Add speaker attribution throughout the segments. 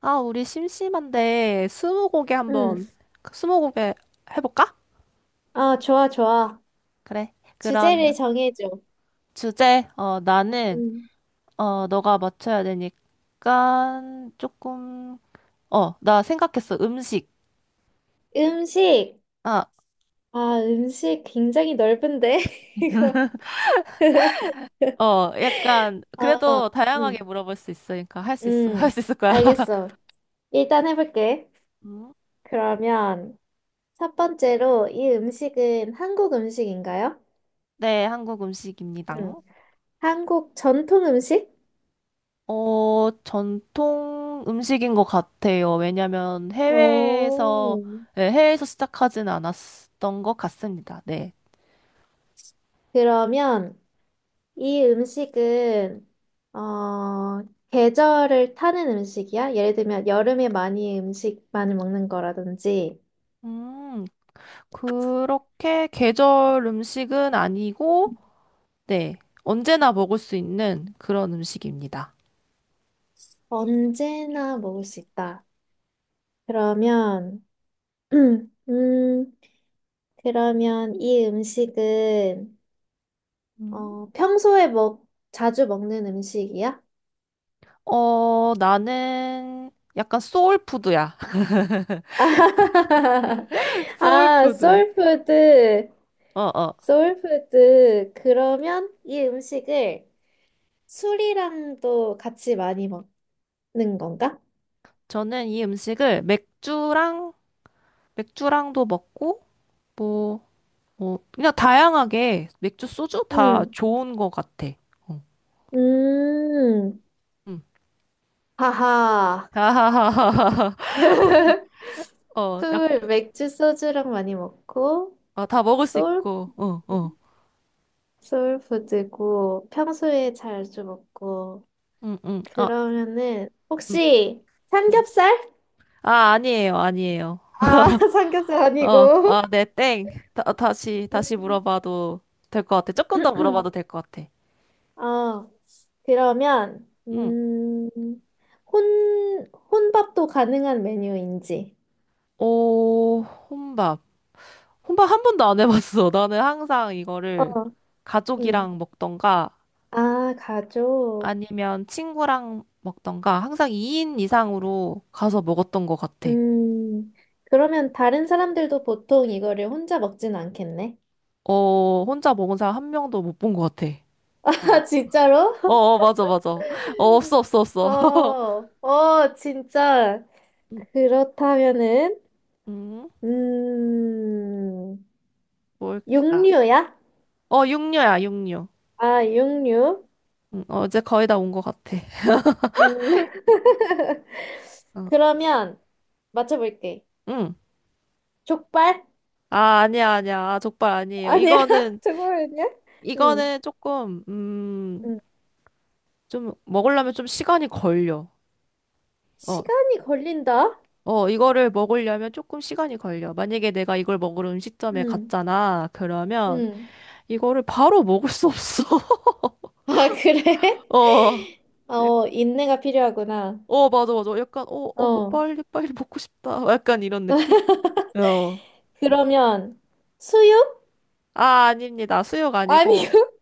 Speaker 1: 아, 우리 심심한데 스무고개
Speaker 2: 응.
Speaker 1: 한번, 그 스무고개 해볼까?
Speaker 2: 아, 좋아, 좋아.
Speaker 1: 그래.
Speaker 2: 주제를
Speaker 1: 그러면
Speaker 2: 정해줘.
Speaker 1: 주제, 나는,
Speaker 2: 응.
Speaker 1: 너가 맞춰야 되니까, 조금, 나 생각했어. 음식.
Speaker 2: 음식.
Speaker 1: 아,
Speaker 2: 아, 음식 굉장히 넓은데, 이거.
Speaker 1: 약간,
Speaker 2: 어,
Speaker 1: 그래도
Speaker 2: 응.
Speaker 1: 다양하게 물어볼 수 있으니까 할 수 있어. 할
Speaker 2: 응.
Speaker 1: 수 있을 거야.
Speaker 2: 알겠어. 일단 해볼게.
Speaker 1: 음,
Speaker 2: 그러면 첫 번째로 이 음식은 한국 음식인가요?
Speaker 1: 네, 한국
Speaker 2: 응.
Speaker 1: 음식입니다.
Speaker 2: 한국 전통 음식?
Speaker 1: 전통 음식인 것 같아요. 왜냐면 해외에서,
Speaker 2: 오.
Speaker 1: 네, 해외에서 시작하진 않았던 것 같습니다. 네.
Speaker 2: 그러면 이 음식은 어, 계절을 타는 음식이야? 예를 들면 여름에 많이 음식 많이 먹는 거라든지.
Speaker 1: 음, 그렇게 계절 음식은 아니고, 네. 언제나 먹을 수 있는 그런 음식입니다.
Speaker 2: 언제나 먹을 수 있다. 그러면 음, 그러면 이 음식은
Speaker 1: 음.
Speaker 2: 어, 평소에 먹 자주 먹는 음식이야?
Speaker 1: 나는 약간 소울푸드야.
Speaker 2: 아,
Speaker 1: 소울푸드.
Speaker 2: 소울푸드.
Speaker 1: 어, 어.
Speaker 2: 소울푸드. 그러면 이 음식을 술이랑도 같이 많이 먹어? 는 건가?
Speaker 1: 저는 이 음식을 맥주랑도 먹고, 뭐, 그냥 다양하게 맥주, 소주 다
Speaker 2: 음,
Speaker 1: 좋은 것 같아. 어,
Speaker 2: 음,
Speaker 1: 음.
Speaker 2: 하하.
Speaker 1: 어, 약,
Speaker 2: 술, 맥주, 소주랑 많이 먹고,
Speaker 1: 아, 다 먹을 수
Speaker 2: 소울,
Speaker 1: 있고. 어, 어.
Speaker 2: 소울푸드고, 평소에 자주 먹고,
Speaker 1: 아,
Speaker 2: 그러면은,
Speaker 1: 음.
Speaker 2: 혹시, 삼겹살?
Speaker 1: 아, 아니에요, 아니에요.
Speaker 2: 아, 삼겹살
Speaker 1: 어, 아,
Speaker 2: 아니고.
Speaker 1: 네, 땡. 다시
Speaker 2: 음.
Speaker 1: 물어봐도 될 것 같아. 조금 더 물어봐도 될 것 같아.
Speaker 2: 어, 그러면,
Speaker 1: 응.
Speaker 2: 혼밥도 가능한 메뉴인지.
Speaker 1: 오, 혼밥. 혼밥 한 번도 안 해봤어. 나는 항상
Speaker 2: 어,
Speaker 1: 이거를
Speaker 2: 응.
Speaker 1: 가족이랑 먹던가
Speaker 2: 아, 가족.
Speaker 1: 아니면 친구랑 먹던가 항상 2인 이상으로 가서 먹었던 것 같아.
Speaker 2: 음, 그러면 다른 사람들도 보통 이거를 혼자 먹진 않겠네?
Speaker 1: 어, 혼자 먹은 사람 한 명도 못 본 것 같아. 어,
Speaker 2: 아, 진짜로?
Speaker 1: 맞아, 맞아. 없어, 없어, 없어.
Speaker 2: 어, 어, 진짜.
Speaker 1: 음,
Speaker 2: 그렇다면은,
Speaker 1: 음,
Speaker 2: 음,
Speaker 1: 뭘까?
Speaker 2: 육류야?
Speaker 1: 어, 육류야, 육류.
Speaker 2: 아, 육류.
Speaker 1: 이제 거의 다 온 것 같아.
Speaker 2: 음,
Speaker 1: 어,
Speaker 2: 그러면 맞춰볼게.
Speaker 1: 음.
Speaker 2: 족발?
Speaker 1: 아, 아니야, 아니야. 아, 족발 아니에요.
Speaker 2: 아니야? 족발 아니야? 음,
Speaker 1: 이거는 조금,
Speaker 2: 음.
Speaker 1: 좀, 먹으려면 좀 시간이 걸려. 어,
Speaker 2: 시간이 걸린다?
Speaker 1: 이거를 먹으려면 조금 시간이 걸려. 만약에 내가 이걸 먹으러 음식점에
Speaker 2: 음,
Speaker 1: 갔잖아. 그러면
Speaker 2: 음.
Speaker 1: 이거를 바로 먹을 수 없어.
Speaker 2: 아, 그래?
Speaker 1: 어, 예,
Speaker 2: 어, 인내가 필요하구나.
Speaker 1: 맞아, 맞아. 약간, 뭐,
Speaker 2: 어.
Speaker 1: 빨리, 빨리 먹고 싶다. 약간 이런 느낌? 어.
Speaker 2: 그러면 수육?
Speaker 1: 아, 아닙니다. 수육
Speaker 2: 아니요.
Speaker 1: 아니고.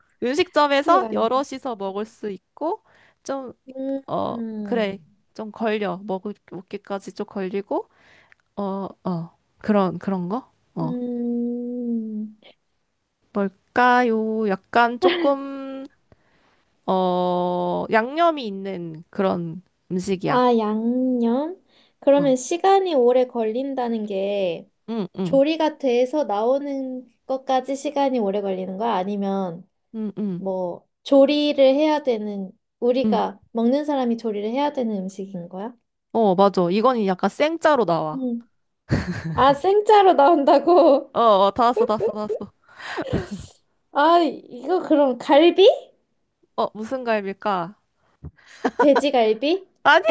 Speaker 2: 수육
Speaker 1: 음식점에서
Speaker 2: 아니고.
Speaker 1: 여럿이서 먹을 수 있고, 좀,
Speaker 2: 음,
Speaker 1: 어, 그래.
Speaker 2: 음,
Speaker 1: 좀 걸려. 먹기까지 좀 걸리고, 어, 어. 그런 거? 어.
Speaker 2: 음.
Speaker 1: 뭘까요? 약간 조금, 양념이 있는 그런 음식이야.
Speaker 2: 아, 양념?
Speaker 1: 응,
Speaker 2: 그러면 시간이 오래 걸린다는 게
Speaker 1: 응, 응,
Speaker 2: 조리가 돼서 나오는 것까지 시간이 오래 걸리는 거야? 아니면
Speaker 1: 응, 응,
Speaker 2: 뭐 조리를 해야 되는.
Speaker 1: 응.
Speaker 2: 우리가 먹는 사람이 조리를 해야 되는 음식인 거야?
Speaker 1: 어, 맞아. 이건 약간 생짜로 나와.
Speaker 2: 음. 아, 생짜로 나온다고?
Speaker 1: 어, 어, 다 왔어, 다 왔어, 다 왔어.
Speaker 2: 아, 이거 그럼 갈비?
Speaker 1: 어, 무슨 과일일까?
Speaker 2: 돼지갈비?
Speaker 1: 아니,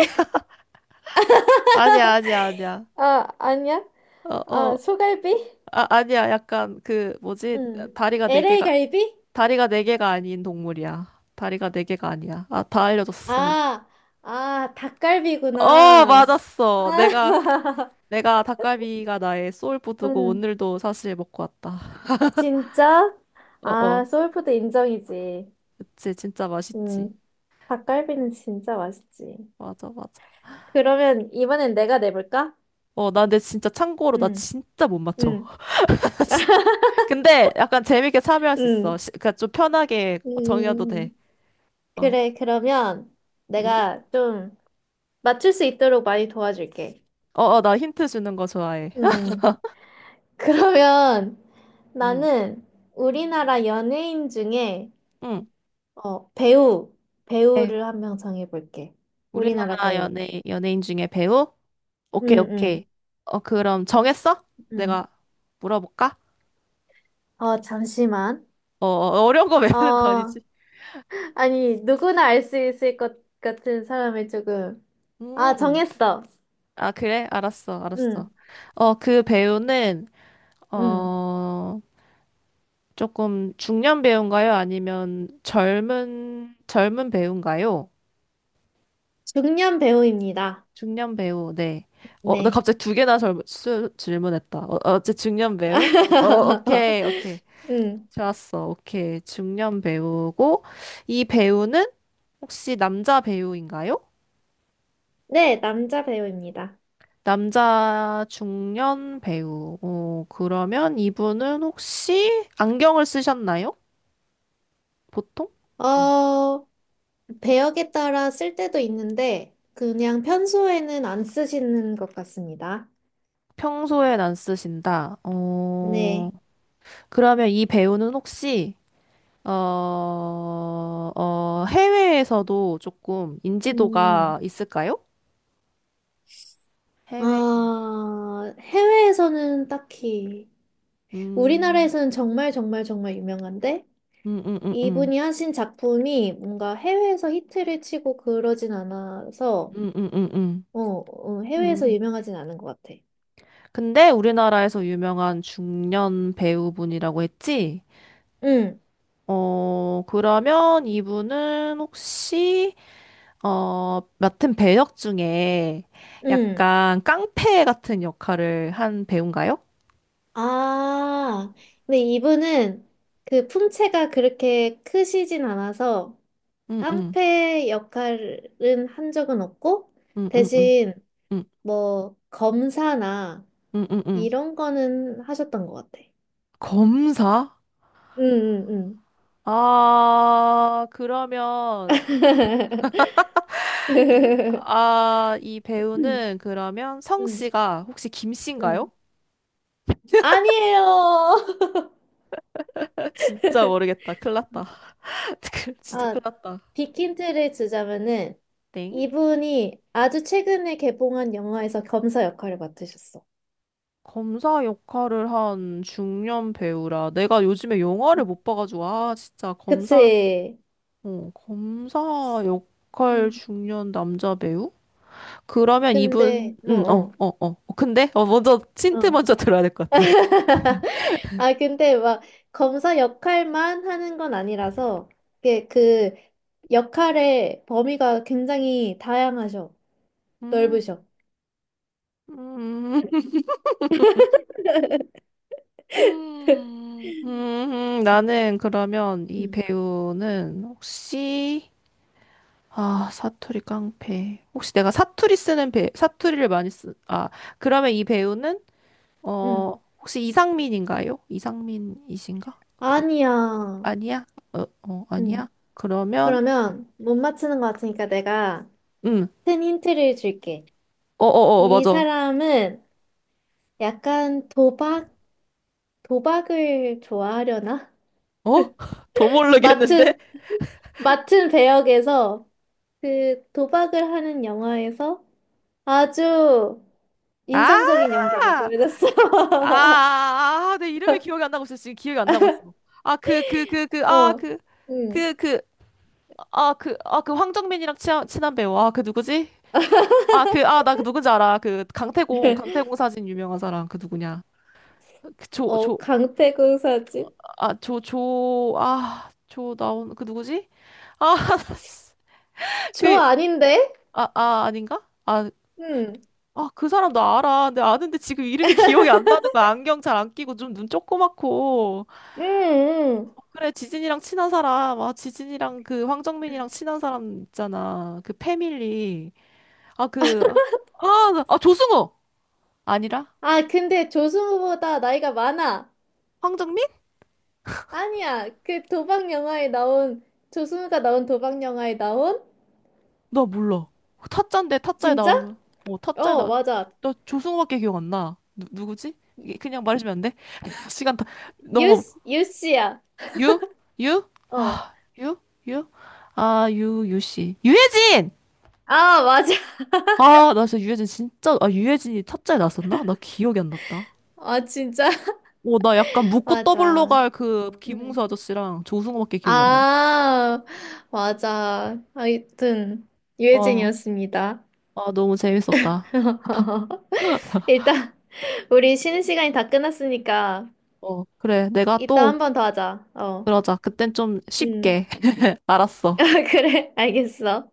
Speaker 1: 아니야, 아니야, 아니야.
Speaker 2: 아, 아니야?
Speaker 1: 어, 어,
Speaker 2: 아, 소갈비?
Speaker 1: 아, 아니야. 약간 그, 뭐지?
Speaker 2: 응.
Speaker 1: 다리가 네
Speaker 2: LA
Speaker 1: 개가,
Speaker 2: 갈비?
Speaker 1: 다리가 네 개가 아닌 동물이야. 다리가 네 개가 아니야. 아, 다 알려줬어.
Speaker 2: 아, 아, 닭갈비구나.
Speaker 1: 맞았어.
Speaker 2: 아,
Speaker 1: 내가 닭갈비가 나의 소울푸드고
Speaker 2: 응.
Speaker 1: 오늘도 사실 먹고 왔다.
Speaker 2: 진짜?
Speaker 1: 어,
Speaker 2: 아,
Speaker 1: 어.
Speaker 2: 소울푸드 인정이지.
Speaker 1: 그치, 진짜 맛있지.
Speaker 2: 응. 닭갈비는 진짜 맛있지.
Speaker 1: 맞아, 맞아.
Speaker 2: 그러면 이번엔 내가 내볼까?
Speaker 1: 어, 나 근데 진짜 참고로 나
Speaker 2: 응.
Speaker 1: 진짜 못 맞춰.
Speaker 2: 응.
Speaker 1: 진- 근데 약간 재밌게 참여할 수 있어.
Speaker 2: 응.
Speaker 1: 그러니까 좀 편하게 정해도 돼.
Speaker 2: 음,
Speaker 1: 어,
Speaker 2: 그래, 그러면
Speaker 1: 응?
Speaker 2: 내가 좀 맞출 수 있도록 많이 도와줄게.
Speaker 1: 나 힌트 주는 거 좋아해.
Speaker 2: 음, 그러면
Speaker 1: 응,
Speaker 2: 나는 우리나라 연예인 중에
Speaker 1: 응.
Speaker 2: 어, 배우,
Speaker 1: 네.
Speaker 2: 배우를 한 명 정해볼게. 우리나라 배우.
Speaker 1: 연예인 중에 배우? 오케이,
Speaker 2: 응, 응,
Speaker 1: 오케이. 어, 그럼 정했어?
Speaker 2: 응.
Speaker 1: 내가 물어볼까?
Speaker 2: 어, 잠시만.
Speaker 1: 어려운 거 외우는 거
Speaker 2: 어,
Speaker 1: 아니지?
Speaker 2: 아니, 누구나 알 수 있을 것 같은 사람을 조금. 아,
Speaker 1: 음.
Speaker 2: 정했어.
Speaker 1: 아, 그래? 알았어,
Speaker 2: 응,
Speaker 1: 알았어. 그 배우는,
Speaker 2: 응.
Speaker 1: 어, 조금 중년 배우인가요? 아니면 젊은 배우인가요?
Speaker 2: 중년 배우입니다.
Speaker 1: 중년 배우, 네. 어, 나
Speaker 2: 네.
Speaker 1: 갑자기 두 개나 질문했다. 어, 어째 중년 배우? 오케이, 오케이.
Speaker 2: 응.
Speaker 1: 좋았어, 오케이. 중년 배우고, 이 배우는 혹시 남자 배우인가요?
Speaker 2: 네, 남자 배우입니다.
Speaker 1: 남자 중년 배우. 어, 그러면 이분은 혹시 안경을 쓰셨나요? 보통?
Speaker 2: 어, 배역에 따라 쓸 때도 있는데, 그냥 평소에는 안 쓰시는 것 같습니다.
Speaker 1: 평소엔 안 쓰신다. 어,
Speaker 2: 네.
Speaker 1: 그러면 이 배우는 혹시, 해외에서도 조금 인지도가
Speaker 2: 음,
Speaker 1: 있을까요? 해외,
Speaker 2: 아, 해외에서는 딱히,
Speaker 1: 음,
Speaker 2: 우리나라에서는 정말 정말 정말 유명한데,
Speaker 1: 음, 음, 음, 음,
Speaker 2: 이분이 하신 작품이 뭔가 해외에서 히트를 치고 그러진 않아서,
Speaker 1: 음.
Speaker 2: 어, 어, 해외에서
Speaker 1: 음.
Speaker 2: 유명하진 않은 것 같아.
Speaker 1: 근데 우리나라에서 유명한 중년 배우분이라고 했지?
Speaker 2: 응,
Speaker 1: 어, 그러면 이분은 혹시, 어, 맡은 배역 중에
Speaker 2: 응.
Speaker 1: 약간 깡패 같은 역할을 한 배우인가요?
Speaker 2: 아, 근데 이분은 그 품체가 그렇게 크시진 않아서,
Speaker 1: 응응응응응
Speaker 2: 깡패 역할은 한 적은 없고, 대신 뭐 검사나
Speaker 1: 응응응
Speaker 2: 이런 거는 하셨던 것 같아.
Speaker 1: 검사?
Speaker 2: 응, 응,
Speaker 1: 아, 그러면,
Speaker 2: 응.
Speaker 1: 이 배우는 그러면
Speaker 2: 응,
Speaker 1: 성씨가 혹시 김씨인가요?
Speaker 2: 응. 아니에요.
Speaker 1: 진짜 모르겠다. 큰일 났다. 진짜
Speaker 2: 아,
Speaker 1: 큰일 났다.
Speaker 2: 빅힌트를 주자면은
Speaker 1: 땡.
Speaker 2: 이분이 아주 최근에 개봉한 영화에서 검사 역할을 맡으셨어.
Speaker 1: 검사 역할을 한 중년 배우라. 내가 요즘에 영화를 못 봐가지고, 진짜 검사,
Speaker 2: 그치?
Speaker 1: 어, 검사 역할
Speaker 2: 음.
Speaker 1: 중년 남자 배우? 그러면 이분,
Speaker 2: 근데,
Speaker 1: 응, 어,
Speaker 2: 어,
Speaker 1: 어, 어. 근데?
Speaker 2: 어,
Speaker 1: 힌트
Speaker 2: 어.
Speaker 1: 먼저 들어야 될 것 같아.
Speaker 2: 아, 근데 막 검사 역할만 하는 건 아니라서, 이게 그 역할의 범위가 굉장히 다양하셔.
Speaker 1: 음,
Speaker 2: 넓으셔.
Speaker 1: 음. 나는 그러면 이
Speaker 2: 응,
Speaker 1: 배우는 혹시, 아, 사투리 깡패. 혹시 내가 사투리를 많이 쓰, 아, 그러면 이 배우는, 어,
Speaker 2: 응.
Speaker 1: 혹시 이상민인가요? 이상민이신가? 그,
Speaker 2: 아니야.
Speaker 1: 아니야? 어, 어, 아니야?
Speaker 2: 응.
Speaker 1: 그러면,
Speaker 2: 그러면 못 맞추는 것 같으니까 내가
Speaker 1: 음,
Speaker 2: 큰 힌트를 줄게.
Speaker 1: 어, 어, 어, 어,
Speaker 2: 이
Speaker 1: 맞아.
Speaker 2: 사람은 약간 도박, 도박을 좋아하려나?
Speaker 1: 어? 더 모르겠는데?
Speaker 2: 맡은, 맡은 배역에서 그 도박을 하는 영화에서 아주
Speaker 1: 아!
Speaker 2: 인상적인 연기를
Speaker 1: 아,
Speaker 2: 보여줬어.
Speaker 1: 아, 아, 내 이름이 기억이 안 나고 있어. 지금 기억이 안 나고 있어. 아, 그, 그, 그, 그, 아,
Speaker 2: 어,
Speaker 1: 그.
Speaker 2: 응.
Speaker 1: 그그 아, 그, 아, 그 황정민이랑 친한 배우. 아, 그 누구지? 아, 그, 아, 나 그 누군지 알아. 강태공 사진 유명한 사람. 그 누구냐. 그 조,
Speaker 2: 어,
Speaker 1: 조,
Speaker 2: 강태국 사진.
Speaker 1: 조 나온, 그 누구지? 아,
Speaker 2: 조
Speaker 1: 그,
Speaker 2: 아닌데?
Speaker 1: 아, 아, 아닌가? 아,
Speaker 2: 응,
Speaker 1: 아, 그 사람 나 알아. 근데 아는데 지금 이름이 기억이 안 나는 거야. 안경 잘 안 끼고 좀 눈 조그맣고.
Speaker 2: 응, 응.
Speaker 1: 그래, 지진이랑 친한 사람. 아, 지진이랑 그 황정민이랑 친한 사람 있잖아. 그 패밀리. 아, 그, 아, 아, 조승우! 아니라?
Speaker 2: 아, 근데 조승우보다 나이가 많아.
Speaker 1: 황정민?
Speaker 2: 아니야, 그 도박 영화에 나온, 조승우가 나온 도박 영화에 나온?
Speaker 1: 나 몰라. 타짜인데 타짜에
Speaker 2: 진짜?
Speaker 1: 나오는. 어, 타짜에
Speaker 2: 어,
Speaker 1: 나.
Speaker 2: 맞아.
Speaker 1: 나 조승우밖에 기억 안 나. 누, 누구지? 이게 그냥 말해주면 안 돼? 시간 다
Speaker 2: 유,
Speaker 1: 너무
Speaker 2: 유씨야.
Speaker 1: 유?
Speaker 2: 어.
Speaker 1: 유? 유? 유 씨. 유해진!
Speaker 2: 아, 맞아.
Speaker 1: 아, 나 진짜 유해진 진짜 아, 유해진이 타짜에 나왔었나? 나 기억이 안 났다.
Speaker 2: 아, 진짜?
Speaker 1: 오 나 약간 묻고 떠블로
Speaker 2: 맞아.
Speaker 1: 갈 그 김웅수
Speaker 2: 응.
Speaker 1: 아저씨랑 조승우밖에 기억이 안 나.
Speaker 2: 아, 맞아. 하여튼,
Speaker 1: 어.
Speaker 2: 유해진이었습니다.
Speaker 1: 아, 너무 재밌었다.
Speaker 2: 일단 우리 쉬는 시간이 다 끝났으니까
Speaker 1: 어, 그래. 내가
Speaker 2: 이따 한
Speaker 1: 또
Speaker 2: 번 더 하자. 어.
Speaker 1: 그러자. 그땐 좀
Speaker 2: 음.
Speaker 1: 쉽게. 알았어.
Speaker 2: 그래, 알겠어.